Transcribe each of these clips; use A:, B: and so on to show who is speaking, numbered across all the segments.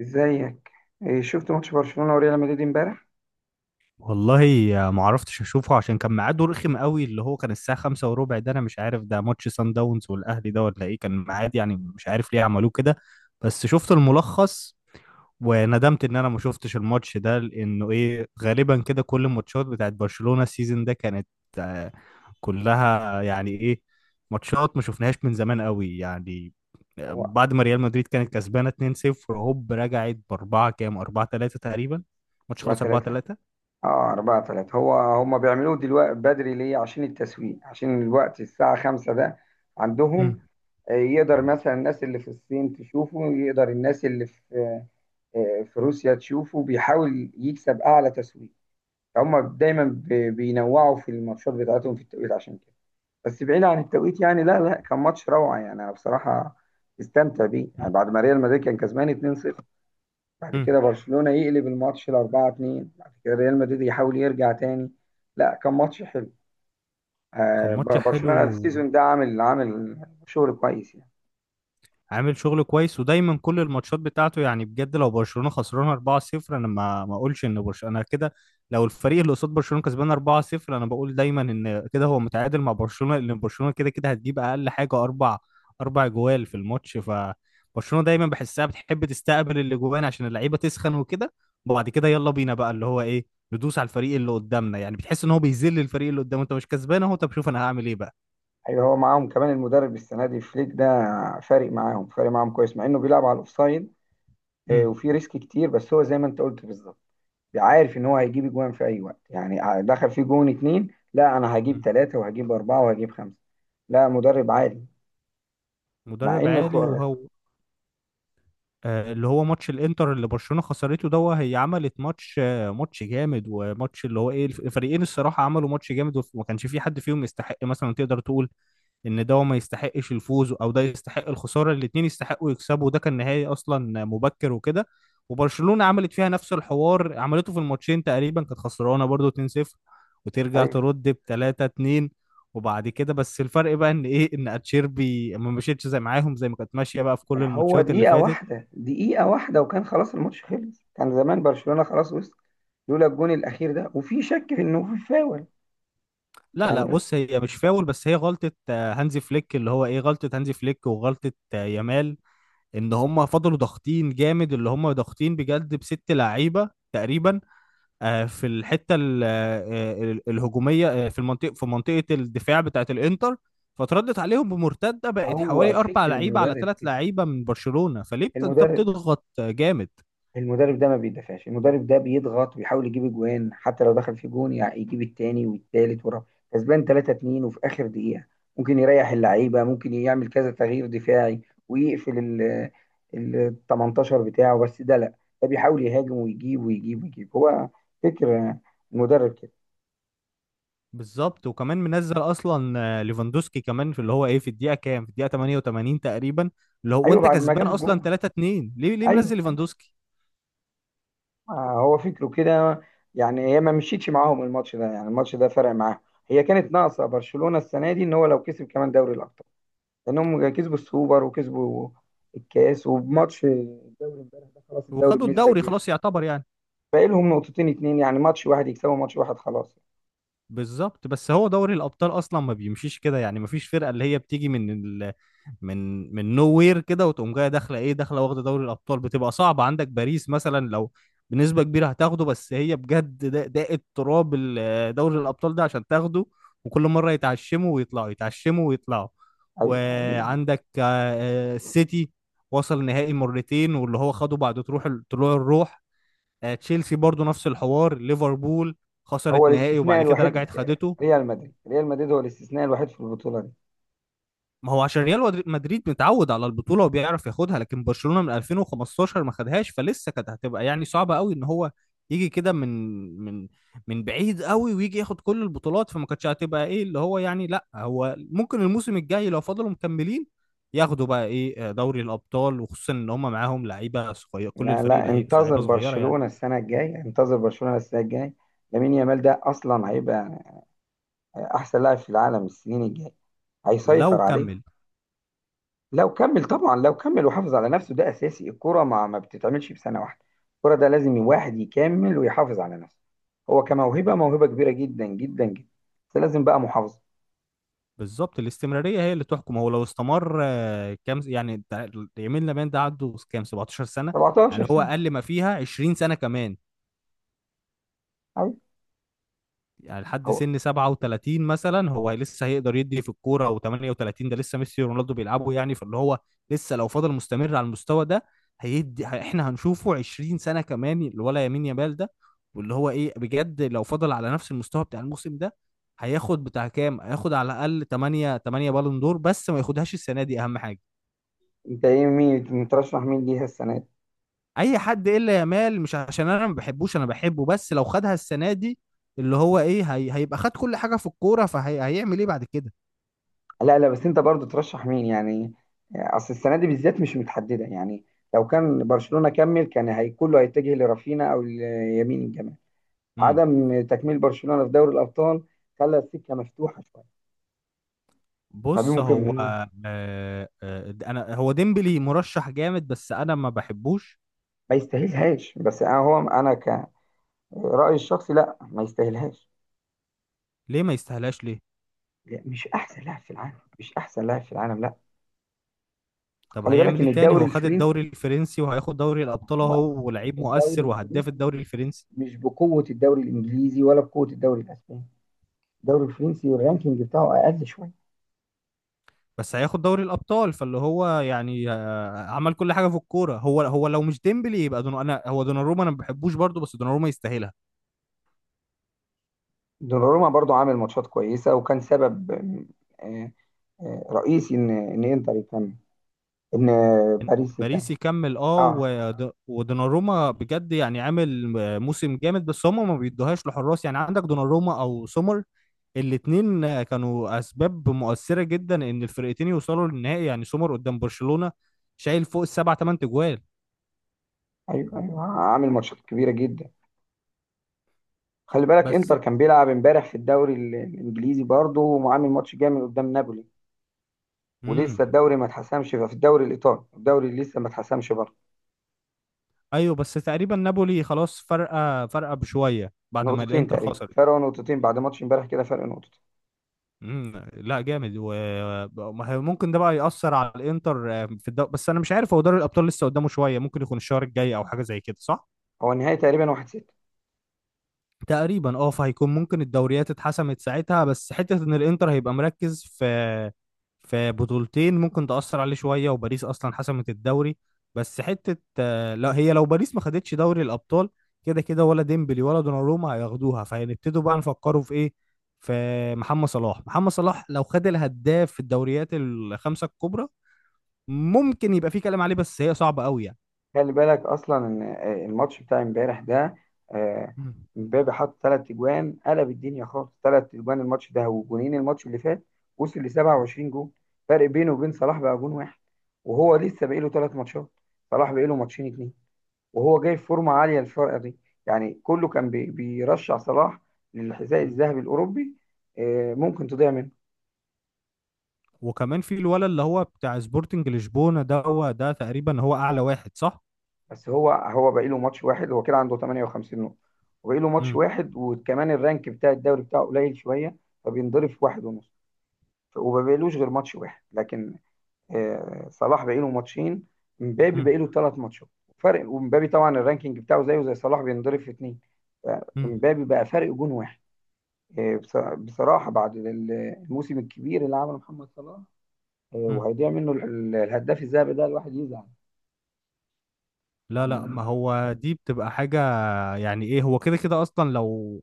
A: ازيك؟ إيه، شفت ماتش برشلونة وريال مدريد امبارح؟
B: والله، ما عرفتش اشوفه عشان كان ميعاده رخم قوي. اللي هو كان الساعه خمسة وربع. ده انا مش عارف، ده ماتش سان داونز والاهلي ده ولا ايه كان ميعاد؟ يعني مش عارف ليه عملوه كده. بس شفت الملخص وندمت ان انا ما شفتش الماتش ده، لانه ايه، غالبا كده كل الماتشات بتاعت برشلونه السيزون ده كانت آه، كلها يعني ايه، ماتشات ما شفناهاش من زمان قوي يعني.
A: هو
B: بعد ما ريال مدريد كانت كسبانه 2-0، هوب رجعت باربعه كام، 4-3 تقريبا. ماتش
A: 4
B: خلص
A: 3 اه، 4-3. هو هم بيعملوه دلوقتي بدري ليه؟ عشان التسويق، عشان الوقت الساعة 5 ده عندهم.
B: 4-3.
A: آه، يقدر مثلا الناس اللي في الصين تشوفه، يقدر الناس اللي في في روسيا تشوفه، بيحاول يكسب اعلى تسويق. هم دايما بينوعوا في الماتشات بتاعتهم في التوقيت عشان كده. بس بعيد عن التوقيت يعني، لا لا كان ماتش روعة يعني. انا بصراحة استمتع بيه يعني. بعد ما ريال مدريد كان كسبان 2-0، بعد كده
B: مم.
A: برشلونة يقلب الماتش ل 4-2، بعد كده ريال مدريد يحاول يرجع تاني. لا، كان ماتش حلو.
B: كان ماتش
A: برشلونة
B: حلو
A: السيزون ده عامل شغل كويس يعني.
B: وعامل شغل كويس، ودايما كل الماتشات بتاعته يعني بجد. لو برشلونة خسرانها 4-0 انا ما اقولش ان برشلونة، انا كده. لو الفريق اللي قصاد برشلونة كسبان 4-0 انا بقول دايما ان كده هو متعادل مع برشلونة، لان برشلونة كده كده هتجيب اقل حاجة اربع اربع جوال في الماتش. فبرشلونة دايما بحسها بتحب تستقبل الاجوان عشان اللعيبة تسخن وكده. وبعد كده يلا بينا بقى اللي هو ايه، ندوس على الفريق اللي قدامنا، يعني بتحس ان هو بيذل الفريق اللي قدامه، انت مش كسبان اهو، طب شوف انا هعمل ايه بقى.
A: ايوه، هو معاهم كمان المدرب السنة دي فليك ده، فارق معاهم كويس مع انه بيلعب على الاوفسايد.
B: مم.
A: وفي ريسك كتير بس هو زي ما انت قلت بالظبط. عارف ان هو هيجيب اجوان في اي وقت يعني، دخل في جون اتنين، لا انا هجيب ثلاثة وهجيب اربعة وهجيب خمسة. لا، مدرب عالي. مع
B: مدرب
A: ان
B: عالي. وهو اللي هو ماتش الانتر اللي برشلونة خسرته ده، هي عملت ماتش، ماتش جامد. وماتش اللي هو ايه الفريقين الصراحة عملوا ماتش جامد، وما كانش في حد فيهم يستحق مثلا تقدر تقول ان ده ما يستحقش الفوز او ده يستحق الخساره. الاثنين يستحقوا يكسبوا. ده كان نهائي اصلا مبكر وكده. وبرشلونه عملت فيها نفس الحوار، عملته في الماتشين تقريبا، كانت خسرانه برضو 2-0 وترجع ترد ب 3-2. وبعد كده بس الفرق بقى ان ايه، ان اتشيربي ما مشيتش زي معاهم، زي ما كانت ماشيه بقى في كل
A: ده هو
B: الماتشات اللي
A: دقيقة
B: فاتت.
A: واحدة دقيقة واحدة وكان خلاص الماتش خلص، كان زمان برشلونة خلاص وصل لولا الجون الأخير ده، وفي شك في إنه في فاول
B: لا لا،
A: يعني.
B: بص، هي مش فاول، بس هي غلطه هانزي فليك، اللي هو ايه غلطه هانزي فليك وغلطه يامال. ان هم فضلوا ضاغطين جامد، اللي هم ضاغطين بجد بست لعيبه تقريبا في الحته الهجوميه، في المنطقه، في منطقه الدفاع بتاعه الانتر. فتردت عليهم بمرتده بقت
A: هو
B: حوالي اربع
A: فكر
B: لعيبه على
A: المدرب
B: ثلاث
A: كده.
B: لعيبه من برشلونه. فليه انت
A: المدرب
B: بتضغط جامد؟
A: المدرب ده ما بيدافعش، المدرب ده بيضغط ويحاول يجيب اجوان حتى لو دخل في جون، يعني يجيب التاني والتالت والرابع. كسبان 3-2 وفي اخر دقيقة ممكن يريح اللعيبة، ممكن يعمل كذا تغيير دفاعي ويقفل ال 18 بتاعه، بس ده لا، ده بيحاول يهاجم ويجيب ويجيب ويجيب. هو فكر المدرب كده.
B: بالظبط. وكمان منزل اصلا ليفاندوسكي كمان، في اللي هو ايه في الدقيقه كام، في الدقيقه 88 تقريبا، اللي هو
A: ايوه،
B: وانت
A: بعد ما
B: كسبان
A: جاب
B: اصلا
A: الجون.
B: 3 2، ليه ليه
A: ايوه
B: منزل
A: ايوه.
B: ليفاندوسكي؟
A: آه، هو فكره كده يعني. هي ما مشيتش معاهم الماتش ده يعني، الماتش ده فرق معاهم. هي كانت ناقصة برشلونة السنة دي ان هو لو كسب كمان دوري الابطال، لانهم كسبوا السوبر وكسبوا الكاس، وبماتش الدوري امبارح ده خلاص الدوري
B: وخدوا
A: بنسبه
B: الدوري
A: كبيره.
B: خلاص يعتبر يعني.
A: باقي لهم نقطتين اتنين يعني، ماتش واحد يكسبوا، ماتش واحد خلاص.
B: بالظبط. بس هو دوري الابطال اصلا ما بيمشيش كده، يعني ما فيش فرقه اللي هي بتيجي من ال... من من نو وير كده وتقوم جايه داخله ايه، داخله واخده دوري الابطال. بتبقى صعبه، عندك باريس مثلا لو بنسبه كبيره هتاخده، بس هي بجد ده، ده التراب دوري الابطال ده عشان تاخده. وكل مره يتعشموا ويطلعوا، يتعشموا ويطلعوا.
A: ايوه ايوه.
B: وعندك السيتي وصل نهائي مرتين، واللي هو خده بعد تروح طلوع الروح. تشيلسي برضو نفس الحوار. ليفربول
A: هو
B: خسرت نهائي
A: الاستثناء
B: وبعد كده
A: الوحيد،
B: رجعت خدته.
A: ريال مدريد هو الاستثناء الوحيد في البطوله دي.
B: ما هو عشان ريال مدريد متعود على البطولة وبيعرف ياخدها. لكن برشلونة من 2015 ما خدهاش، فلسه كانت هتبقى يعني صعبة قوي ان هو يجي كده من من بعيد قوي ويجي ياخد كل البطولات. فما كانتش هتبقى ايه اللي هو يعني، لا هو ممكن الموسم الجاي لو فضلوا مكملين ياخدوا بقى ايه دوري الابطال، وخصوصا ان هم معاهم لعيبة صغيرة، كل
A: لا
B: الفريق
A: لا انتظر
B: لعيبة صغيرة يعني.
A: برشلونه السنه الجايه، انتظر برشلونه السنه الجايه. لامين يامال ده اصلا هيبقى احسن لاعب في العالم، السنين الجايه هيسيطر
B: لو
A: عليه.
B: كمل.
A: لو كمل طبعا، لو كمل وحافظ على نفسه، ده اساسي. الكرة ما بتتعملش في سنة واحدة، الكرة ده لازم واحد يكمل ويحافظ على نفسه. هو كموهبة، موهبة كبيرة جدا جدا جدا، بس لازم بقى محافظة.
B: بالظبط، الاستمرارية هي اللي تحكم. هو لو استمر كام يعني يمين لمين ده؟ عنده كام، 17 سنة.
A: 17
B: يعني هو
A: سنة.
B: أقل ما فيها 20 سنة كمان،
A: أيوة.
B: يعني لحد
A: هو،
B: سن 37 مثلا هو لسه هيقدر يدي في الكورة. و38 ده لسه ميسي ورونالدو بيلعبوا يعني. فاللي هو لسه لو فضل مستمر على المستوى ده هيدي احنا هنشوفه 20 سنة كمان الولا يمين يامال ده. واللي هو ايه بجد لو فضل على نفس المستوى بتاع الموسم ده، هياخد بتاع كام، هياخد على الأقل 8 بالون دور. بس ما ياخدهاش السنة دي، أهم حاجة.
A: انت ايه، مين مترشح مين ليها السنة دي؟
B: اي حد الا يامال، مش عشان انا ما بحبوش، انا بحبه، بس لو خدها السنه دي اللي هو ايه هي هيبقى خد كل حاجه في الكوره، فهيعمل ايه بعد كده؟
A: لا لا بس انت برضو ترشح مين يعني؟ اصل السنة دي بالذات مش متحددة يعني. لو كان برشلونة كمل كان هي كله هيتجه لرافينا او ليمين الجمال.
B: امم.
A: عدم تكميل برشلونة في دوري الابطال خلى السكة مفتوحة شوية ما بين
B: بص
A: ممكن.
B: هو، انا هو ديمبلي مرشح جامد، بس انا ما بحبوش.
A: ما يستاهلهاش، بس انا هو انا كرأيي الشخصي لا، ما يستاهلهاش.
B: ليه ما يستاهلاش ليه؟
A: لا، مش احسن لاعب في العالم، مش احسن لاعب في العالم لا.
B: طب
A: خلي بالك
B: هيعمل
A: ان
B: ايه تاني؟
A: الدوري
B: هو خد الدوري
A: الفرنسي،
B: الفرنسي وهياخد دوري الابطال
A: هو
B: اهو، ولاعيب
A: الدوري
B: مؤثر وهداف
A: الفرنسي
B: الدوري الفرنسي.
A: مش بقوة الدوري الانجليزي ولا بقوة الدوري الاسباني. الدوري الفرنسي الرانكينج بتاعه اقل شوية.
B: بس هياخد دوري الابطال، فاللي هو يعني عمل كل حاجه في الكوره. هو هو لو مش ديمبلي يبقى دون، انا هو دوناروما، انا ما بحبوش برضه، بس دوناروما يستاهلها.
A: دوناروما برضو عامل ماتشات كويسة، وكان سبب آه، رئيسي ان انتر يكمل، ان
B: إن
A: باريس يكمل.
B: باريس يكمل، اه،
A: اه.
B: ودوناروما بجد يعني عامل موسم جامد. بس هم ما بيدوهاش لحراس، يعني عندك دوناروما او سومر. الاثنين كانوا اسباب مؤثره جدا ان الفرقتين يوصلوا للنهائي. يعني سومر قدام برشلونه شايل فوق السبع ثمان تجوال.
A: ايوه ايوه، عامل ماتشات كبيرة جدا. خلي بالك
B: بس
A: انتر كان بيلعب امبارح في الدوري الانجليزي برضه، وعامل ماتش جامد قدام نابولي.
B: امم،
A: ولسه الدوري ما اتحسمش في الدوري الايطالي، الدوري اللي لسه ما اتحسمش برضه.
B: ايوه، بس تقريبا نابولي خلاص فرقه فرقه بشويه بعد ما
A: نقطتين
B: الانتر
A: تقريبا
B: خسرت.
A: فرق، نقطتين بعد ماتش امبارح كده، فرق نقطتين.
B: امم، لا جامد، وممكن ده بقى يأثر على الانتر في الدوري. بس انا مش عارف، هو دوري الابطال لسه قدامه شويه، ممكن يكون الشهر الجاي او حاجه زي كده، صح؟
A: هو النهائي تقريبا 1-6.
B: تقريبا اه. فهيكون ممكن الدوريات اتحسمت ساعتها. بس حتة ان الانتر هيبقى مركز في بطولتين ممكن تأثر عليه شوية. وباريس اصلا حسمت الدوري. بس حتة لا، هي لو باريس ما خدتش دوري الابطال، كده كده ولا ديمبلي ولا دوناروما هياخدوها. فهنبتدوا بقى نفكروا في ايه، في محمد صلاح. لو خد الهداف في الدوريات الخمسة الكبرى ممكن يبقى في كلام عليه، بس هي صعبة قوي يعني.
A: خلي بالك اصلا ان الماتش بتاع امبارح ده، آه، امبابي حط ثلاث اجوان قلب الدنيا خالص، ثلاث اجوان الماتش ده وجونين الماتش اللي فات، وصل ل 27 جون. فرق بينه وبين صلاح بقى جون واحد، وهو لسه باقي له ثلاث ماتشات، صلاح باقي له ماتشين اتنين، وهو جاي في فورمه عاليه الفرقه دي. يعني كله كان بيرشح صلاح للحذاء
B: مم.
A: الذهبي الاوروبي. آه، ممكن تضيع منه.
B: وكمان في الولد اللي هو بتاع سبورتنج لشبونة ده، هو ده تقريبا هو اعلى واحد، صح؟
A: بس هو باقي له ماتش واحد، هو كده عنده 58 نقطه، وباقي له ماتش
B: امم.
A: واحد، وكمان الرانك بتاع الدوري بتاعه قليل شويه، فبينضرب في واحد ونص. وما بقالوش غير ماتش واحد. لكن آه، صلاح باقي له ماتشين، مبابي باقي
B: امم.
A: له ثلاث ماتشات فرق، ومبابي طبعا الرانكينج بتاعه زيه زي صلاح بينضرب في اثنين.
B: امم.
A: مبابي بقى فرق جون واحد. آه، بصراحة بعد الموسم الكبير اللي عمله محمد صلاح، آه،
B: امم.
A: وهيضيع منه الهداف الذهبي ده، الواحد يزعل
B: لا لا،
A: يعني.
B: ما هو دي بتبقى حاجة يعني ايه؟ هو كده كده اصلا لو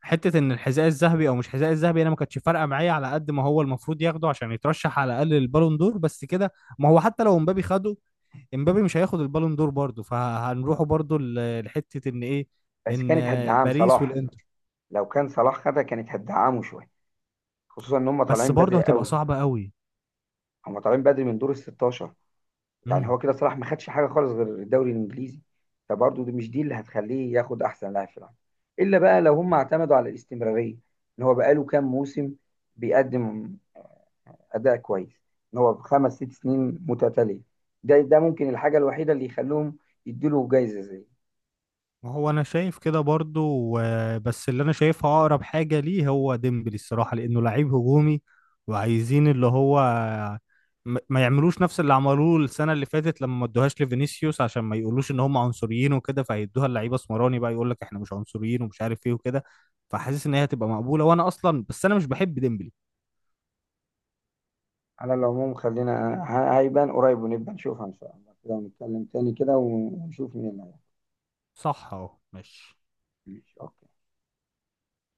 B: حتة ان الحذاء الذهبي او مش حذاء الذهبي، انا ما كانتش فارقة معايا على قد ما هو المفروض ياخده عشان يترشح على الاقل للبالون دور، بس كده. ما هو حتى لو امبابي خده، امبابي مش هياخد البالون دور برضه، فهنروحوا برضه لحتة ان ايه،
A: بس
B: ان
A: كانت هدعام
B: باريس
A: صلاح،
B: والانتر.
A: لو كان صلاح خدها كانت هدعامه شوية، خصوصا ان هم
B: بس
A: طالعين
B: برضه
A: بدري
B: هتبقى
A: قوي.
B: صعبة قوي.
A: هم طالعين بدري من دور ال 16. يعني هو كده صلاح ما خدش حاجة خالص غير الدوري الانجليزي، فبرضه دي مش دي اللي هتخليه ياخد احسن لاعب في العالم. الا بقى لو هم اعتمدوا على الاستمرارية، ان هو بقاله كام موسم بيقدم اداء كويس، ان هو بخمس ست سنين متتاليه، ده ممكن الحاجه الوحيده اللي يخلوهم يديله جايزه زي.
B: ما هو انا شايف كده برضو. بس اللي انا شايفها اقرب حاجه ليه هو ديمبلي الصراحه، لانه لعيب هجومي. وعايزين اللي هو ما يعملوش نفس اللي عملوه السنه اللي فاتت لما ما ادوهاش لفينيسيوس، عشان ما يقولوش ان هم عنصريين وكده. فهيدوها للعيبه اسمراني بقى يقول لك احنا مش عنصريين ومش عارف ايه وكده. فحاسس ان هي هتبقى مقبوله. وانا اصلا بس انا مش بحب ديمبلي.
A: على العموم، خلينا هيبان قريب ونبقى نشوفها ان شاء الله كده، ونتكلم تاني كده ونشوف مين اللي هيحصل.
B: صح اهو، ماشي.
A: ماشي، أوكي.